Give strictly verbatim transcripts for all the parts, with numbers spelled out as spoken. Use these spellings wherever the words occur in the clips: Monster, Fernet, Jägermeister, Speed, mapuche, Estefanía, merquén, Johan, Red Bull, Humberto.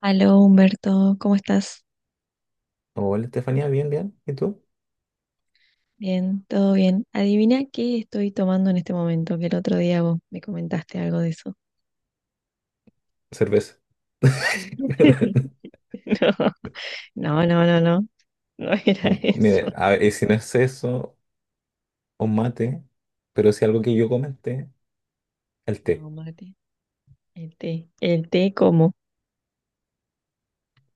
Aló Humberto, ¿cómo estás? Hola, Estefanía, bien, bien. ¿Y tú? Bien, todo bien. Adivina qué estoy tomando en este momento, que el otro día vos me comentaste algo de eso. Cerveza. No, no, no, no, no, no era Um, Mire, eso. a ver, y si no es eso, un mate, pero si algo que yo comenté, el té. No, mate, el té. El té como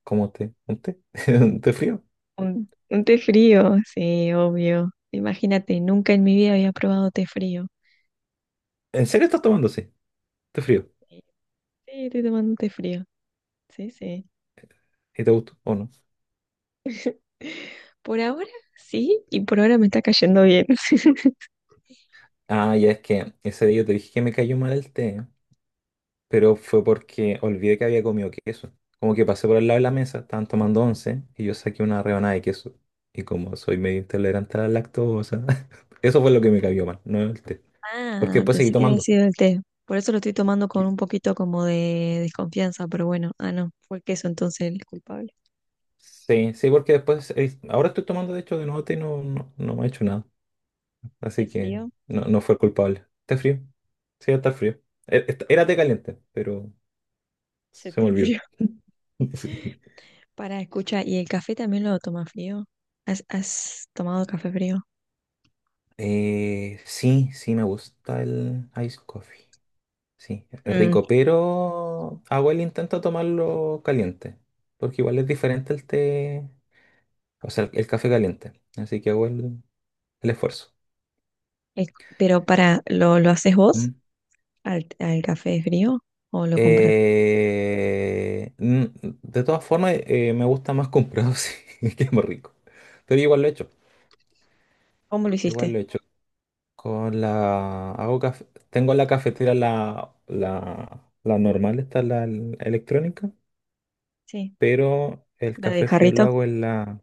¿Cómo té? ¿Un té? ¿Un té frío? un, un té frío, sí, obvio. Imagínate, nunca en mi vida había probado té frío. ¿En serio estás tomando así? ¿Té frío? Sí, sí, estoy tomando un té frío. Sí, sí. ¿Y te gustó o no? Por ahora sí, y por ahora me está cayendo bien. Ah, ya es que ese día yo te dije que me cayó mal el té, pero fue porque olvidé que había comido queso. Como que pasé por el lado de la mesa, estaban tomando once y yo saqué una rebanada de queso. Y como soy medio intolerante a la lactosa, eso fue lo que me cayó mal, no el té. Porque Ah, después seguí pensé que había tomando. sido el té. Por eso lo estoy tomando con Yo- un poquito como de desconfianza, pero bueno, ah, no, fue el queso entonces el culpable. Sí, sí, porque después, eh, ahora estoy tomando de hecho de nuevo té y no, no, no me ha hecho nada. ¿Te Así que frío? no, no fue el culpable. Está frío, sí, está frío. Er- est- Era té caliente, pero Se se me te olvidó. enfrió. Sí. Para, escucha, ¿y el café también lo tomas frío? ¿Has, has tomado café frío? Eh, sí, sí, me gusta el ice coffee. Sí, es Mm, rico, pero hago el intento de tomarlo caliente. Porque igual es diferente el té, o sea, el, el café caliente. Así que hago el, el esfuerzo. es- pero para, ¿lo, lo haces Mm. vos al, al café frío o lo compras? Eh, mm, de todas formas, eh, me gusta más comprado, sí, que más rico. Pero igual lo he hecho. ¿Cómo lo Igual hiciste? lo he hecho. Con la. Hago caf- tengo en la cafetera la, la, la normal, está la el- electrónica. Sí. Pero el ¿La de café frío lo jarrito? hago en la.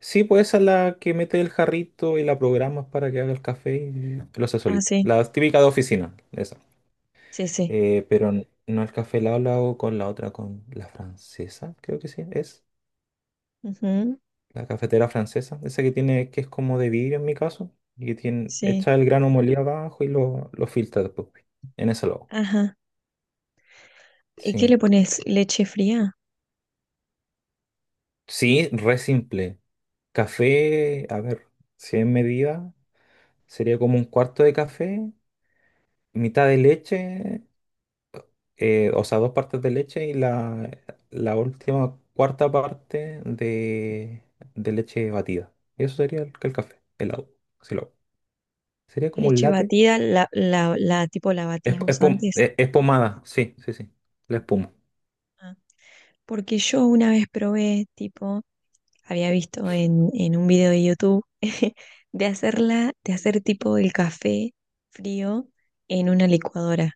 Sí, pues esa es la que mete el jarrito y la programas para que haga el café y lo hace Ah, solito. sí, La típica de oficina, esa. sí, sí. Eh, pero n- no el café helado lo hago con la otra, con la francesa, creo que sí, es. Ujú, La cafetera francesa, esa que tiene, que es como de vidrio en mi caso, y que tiene, sí. echa el grano molido abajo y lo, lo filtra después. En ese lado. Ajá. ¿Y qué Sí. le pones? ¿Leche fría? Sí, re simple. Café, a ver, si en medida, sería como un cuarto de café, mitad de leche, eh, o sea, dos partes de leche y la, la última cuarta parte de, de leche batida. Y eso sería el, el café, helado. Si lo hago. Sería como un Leche latte. batida, la, la, la- tipo la Es, batís es vos pom- antes. es- es pomada, sí, sí, sí. La espuma. Ah, Porque yo una vez probé, tipo, había visto en, en un video de YouTube de hacerla, de hacer tipo el café frío en una licuadora.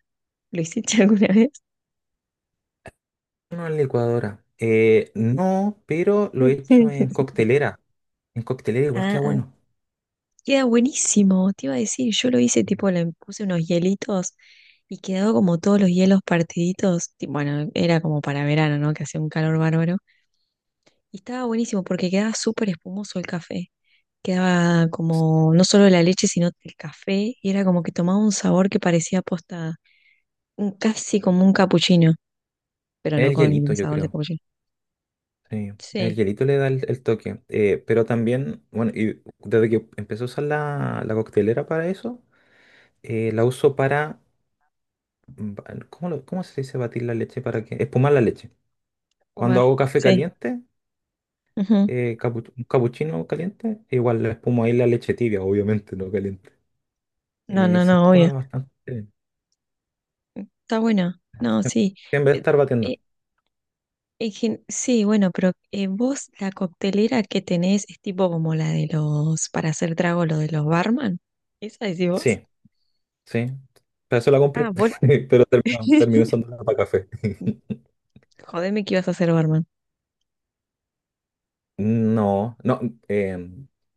¿Lo hiciste alguna vez? No en licuadora. Eh, no, pero lo he hecho en Sí. coctelera. En coctelera igual Ah, queda ah. bueno. Queda buenísimo, te iba a decir, yo lo hice Mm. tipo, le puse unos hielitos y quedó como todos los hielos partiditos. ti- Bueno, era como para verano, ¿no? Que hacía un calor bárbaro Y estaba buenísimo porque quedaba súper espumoso el café. Quedaba Es como no solo la leche, sino el café. Y era como que tomaba un sabor que parecía posta, un- casi como un capuchino, pero no el con hielito, el yo sabor de creo. capuchino. Sí, el Sí, hielito le da el, el toque. Eh, pero también, bueno, y desde que empecé a usar la, la coctelera para eso, eh, la uso para... ba- ¿cómo, lo- cómo se dice batir la leche? ¿Para que espumar la leche? Cuando comer. hago café Sí. caliente, Ujú. eh, capu- un capuchino caliente, igual le espumo ahí la leche tibia, obviamente, no caliente. No, Y no, se no, obvio. espuma bastante bien. Está bueno. No, sí. En vez de Eh, estar batiendo. eh, en gen- sí, bueno, pero eh, vos la coctelera que tenés es tipo como la de los, para hacer trago, lo de los barman. ¿Esa decís vos? Sí, sí. Para eso la compré. Ah, vos. Pero termino, termino usándola para café. Jodeme que ibas a hacer barman. No, no. eh,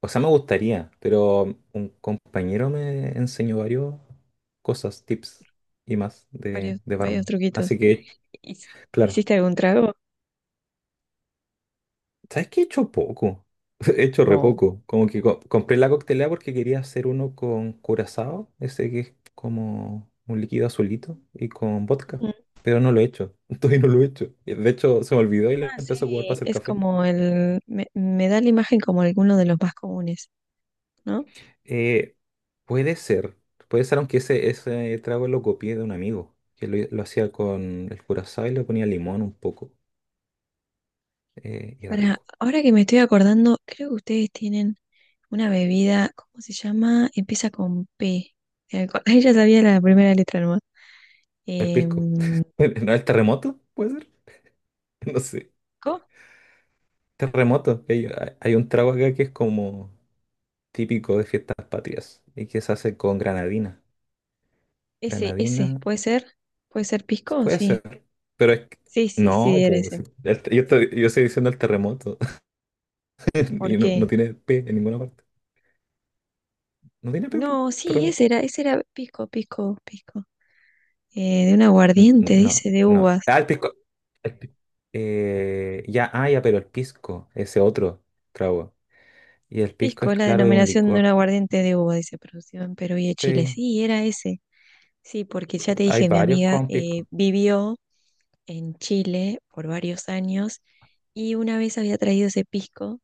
o sea, me gustaría, pero un compañero me enseñó varios cosas, tips y más de, Varios, de varios barman. truquitos. Así que, ¿Hic- claro. ¿Hiciste algún trago? ¿Sabes qué he hecho poco? He hecho re No. poco. Como que co- compré la coctelera porque quería hacer uno con curazao, ese que es como un líquido azulito, y con vodka. Ujú. Pero no lo he hecho. Todavía no lo he hecho. Y de hecho, se me olvidó y lo Ah, empecé a jugar para sí, hacer es café. como el... Me, me da la imagen como alguno de los más comunes, ¿no? Eh, puede ser. Puede ser, aunque ese, ese trago lo copié de un amigo, que lo, lo hacía con el curazao y le ponía limón un poco. Eh, y era Ahora, rico. ahora que me estoy acordando, creo que ustedes tienen una bebida, ¿cómo se llama? Empieza con P, de alcohol. Ella sabía la primera letra nomás. El pisco. Em, ¿No el terremoto? ¿Puede ser? No sé. ¿co? Terremoto. Hay, hay un trago acá que es como típico de fiestas patrias y que se hace con granadina. Ese, ese, Granadina, ¿puede ser? ¿Puede ser pisco? puede Sí. ser, pero es que- Sí, sí, no, sí, era pues, ese. si- el- yo, estoy, yo estoy diciendo el terremoto ¿Por y no, no qué? tiene P en ninguna parte. No tiene P, pues, No, sí, terremoto. ese era, ese era pisco, pisco, pisco. Eh, de un N- aguardiente, No, dice, de no. uvas. Ah, el pisco. el pi- eh, ya, ah, ya, pero el pisco, ese otro trago. Y el pisco Pisco es es la claro, es un denominación de un licor. aguardiente de uva, dice, producido en Perú y en Chile. Sí, Sí, era ese. Sí, porque ya te hay dije, mi varios amiga con eh, pisco. vivió en Chile por varios años y una vez había traído ese pisco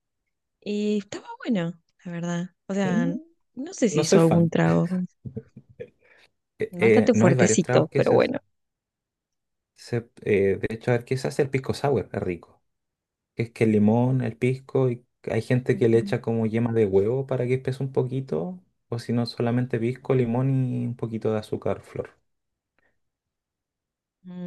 y estaba bueno, la verdad. O sea, Mm. n- no sé si No hizo soy algún fan. trago, Eh, eh, bastante no hay varios tragos fuertecito, que pero se bueno. usan. Se- eh, de hecho, a ver, ¿qué se hace el pisco sour? Es rico. Es que el limón, el pisco, y hay gente que le Ujú. echa como yema de huevo para que espese un poquito, o si no, solamente pisco, limón y un poquito de azúcar flor.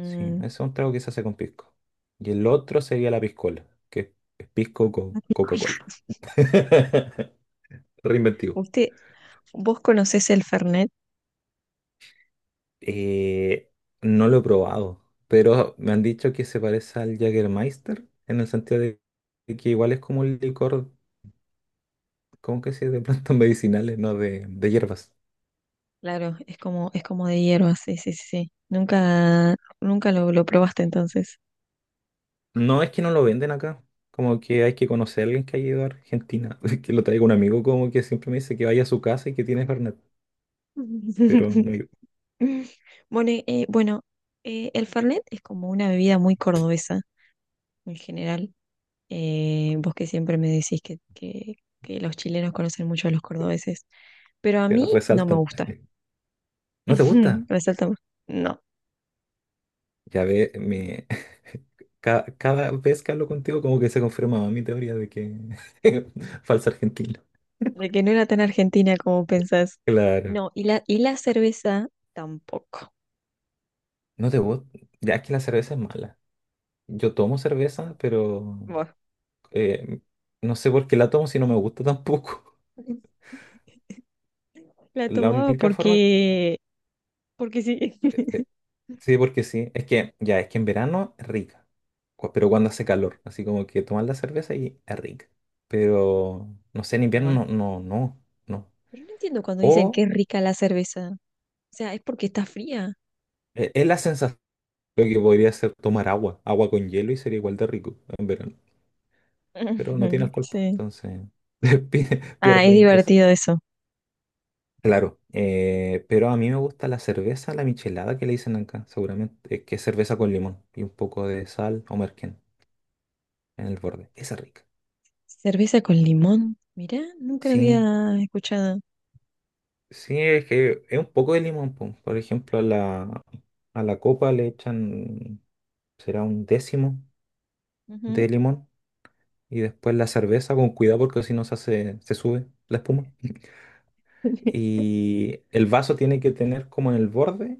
Sí, ese es un trago que se hace con pisco. Y el otro sería la piscola, que es pisco con Coca-Cola. Reinventivo. ¿usted, vos conocés el Fernet? Eh, no lo he probado, pero me han dicho que se parece al Jägermeister en el sentido de que igual es como un licor, ¿cómo que se dice? De plantas medicinales, no de, de hierbas. Claro, es como, es como, de hierba, sí, sí, sí. sí. Nunca, nunca lo, lo probaste entonces. No es que no lo venden acá, como que hay que conocer a alguien que haya ido a Argentina, que lo traiga un amigo como que siempre me dice que vaya a su casa y que tiene Fernet, pero no, Bueno, eh, bueno eh, el Fernet es como una bebida muy cordobesa en general. Eh, vos que siempre me decís que, que, que los chilenos conocen mucho a los cordobeses, pero a que mí no me resaltan. gusta. ¿No te gusta? Resalta, más. no, Ya ve, me... ca- cada vez que hablo contigo como que se confirma mi teoría de que falsa argentina. de que no era tan argentina como pensás. Claro. No, y la, y la cerveza tampoco. No te gusta. Ya es que la cerveza es mala. Yo tomo cerveza, pero Bueno, eh, no sé por qué la tomo si no me gusta tampoco. la La tomaba única forma. porque porque sí. eh, sí, porque sí. Es que ya, es que en verano es rica. cu- Pero cuando hace calor. Así como que tomas la cerveza y es rica. Pero no sé, en Bueno. invierno no, no, no, no. Pero no entiendo cuando dicen que O es rica la cerveza. O sea, es porque está fría. eh, es la sensación de que podría ser tomar agua. Agua con hielo y sería igual de rico en verano. Pero no tiene Ujú, alcohol, pues, Sí. entonces pi- Ah, es pierde esa. divertido eso. Claro, eh, pero a mí me gusta la cerveza, la michelada que le dicen acá, seguramente, eh, que es cerveza con limón y un poco de sal o merquén en el borde. Esa es rica. Cerveza con limón. Mirá, nunca lo Sí, había escuchado. sí, es que es un poco de limón, po. Por ejemplo, a la, a la copa le echan, será un décimo de Ujú, limón y después la cerveza con cuidado porque si no se hace, se sube la espuma. Y el vaso tiene que tener como en el borde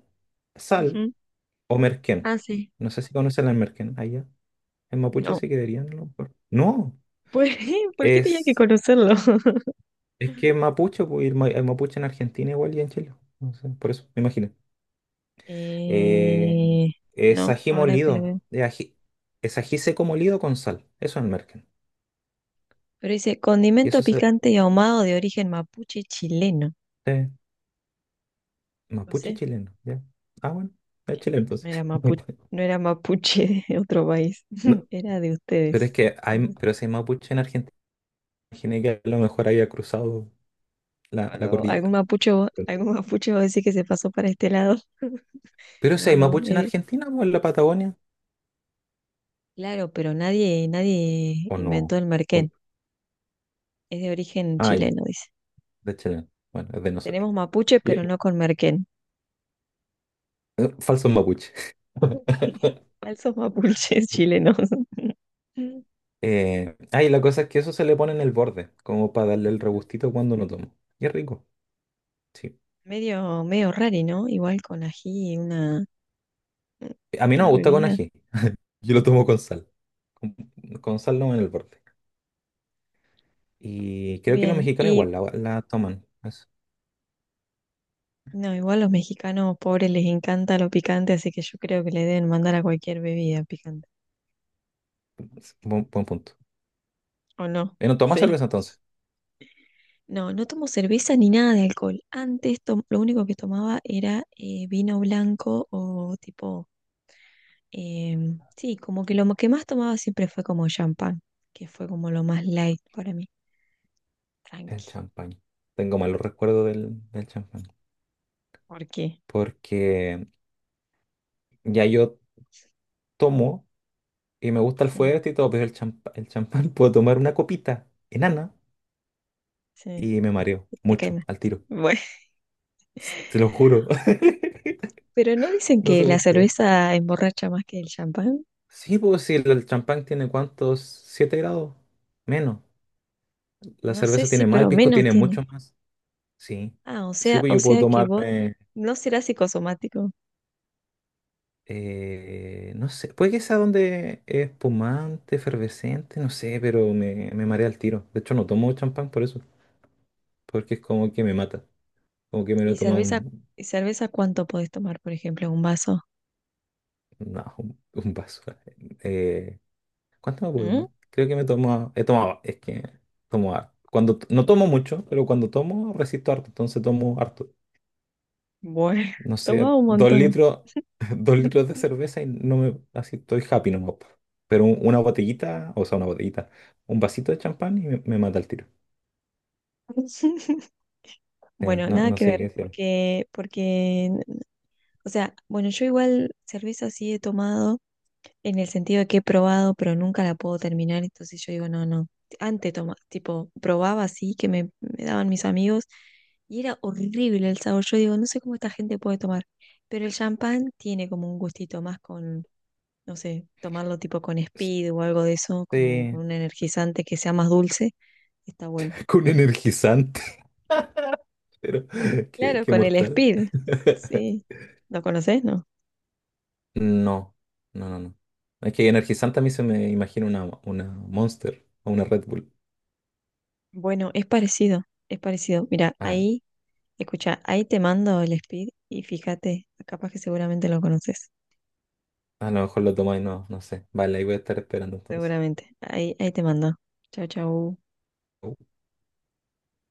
sal ujú. o merquén. Ah, sí. No sé si conocen el merquén allá. En mapuche No. se quedarían a lo mejor. No, Pues, ¿por qué tenía que es, conocerlo? es que en mapuche, pues, y el, ma- el mapuche en Argentina igual y en Chile. No sé, por eso, me imagino. Eh, Eh, es no, ají ahora que lo molido. veo. de ají- es ají seco molido con sal. Eso es el merken. Pero dice, Y eso condimento es picante y ahumado de origen mapuche chileno. eh, No mapuche sé. chileno. ¿Ya? Ah, bueno, es chileno entonces. No era mapuche, no era mapuche de otro país, No, era de pero es ustedes. que hay, No, pero si hay mapuche en Argentina, imaginé que a lo mejor había cruzado la, la no, algún cordillera. mapuche, va- algún mapuche va a decir que se pasó para este lado. Pero si No, hay no, mapuche es en de- Argentina o en la Patagonia, claro, pero nadie, nadie o no. inventó el O- merquén. Es de origen ah, ya. chileno, dice. De hecho, bueno, es de nosotros. Tenemos mapuche, Y- pero no con merquén. eh, falsos mapuche. Falsos mapuches chilenos. Mm. Eh, ah, y la cosa es que eso se le pone en el borde, como para darle el regustito cuando lo tomo. Y es rico, sí. Medio, medio raro, ¿no? Igual con ají, una, A mí no me una gusta con bebida. ají. Yo lo tomo con sal. Con, con sal no en el borde. Y creo que los Bien, mexicanos y igual la, la toman. Es, No, igual los mexicanos pobres les encanta lo picante, así que yo creo que le deben mandar a cualquier bebida picante. es buen, buen punto. ¿O no? Eh, no tomas Sí. cerveza entonces. No, no tomo cerveza ni nada de alcohol. Antes tom- lo único que tomaba era eh, vino blanco o tipo, em, sí, como que lo mo- que más tomaba siempre fue como champán, que fue como lo más light para mí. El Tranqui. champán. Tengo malos recuerdos del, del champán. ¿Por qué? Porque ya yo tomo. Y me gusta el Sí, fuerte y todo, pero el champa- el champán puedo tomar una copita enana sí, y me mareo te cae mucho mal. al tiro. Bueno, Te lo juro. pero no dicen No que sé la por qué. cerveza emborracha más que el champán. Sí, pues si el el champán tiene cuántos, siete grados menos. La No sé cerveza si, tiene más, el pero pisco menos tiene tiene. mucho más. Sí. Ah, o Sí, sea, pues o yo puedo sea que vos tomarme, no serás psicosomático. eh, no sé, puede que sea donde es espumante, efervescente, no sé, pero me, me, marea al tiro. De hecho, no tomo champán por eso, porque es como que me mata, como que me lo ¿Y toma cerveza, un, y cerveza cuánto podés tomar, por ejemplo, un vaso? no, un, un vaso. Eh, ¿cuánto me puedo ¿Mm? tomar? Creo que me tomo, he tomado, es que tomo harto. Cuando, t- no tomo mucho, pero cuando tomo resisto harto, entonces tomo harto. Bueno, No tomaba sé, un dos montón. litros, dos litros de cerveza y no me, así estoy happy nomás. Po. Pero un- una botellita, o sea, una botellita, un vasito de champán y me, me, mata el tiro. Sí, Bueno, no, nada no que sé qué ver, decir. porque, porque, o sea, bueno, yo igual cerveza sí he tomado. En el sentido de que he probado, pero nunca la puedo terminar, entonces yo digo, no, no. Antes toma, tipo, probaba así, que me, me daban mis amigos, y era horrible el sabor. Yo digo, no sé cómo esta gente puede tomar, pero el champán tiene como un gustito más con, no sé, tomarlo tipo con Speed o algo de eso, como Sí, con un energizante que sea más dulce, está bueno. con energizante, pero qué, Claro, qué con el mortal. Speed, sí. ¿Lo conoces, no? No, no, no, no. Es que energizante a mí se me imagina una, una Monster o una Red Bull. Bueno, es parecido, es parecido. Mira, Ah, ahí Escucha, ahí te mando el speed y fíjate, capaz que seguramente lo conoces. a lo mejor lo tomáis, no, no sé. Vale, ahí voy a estar esperando entonces. Seguramente. Ahí, ahí te mando. Chau, chau.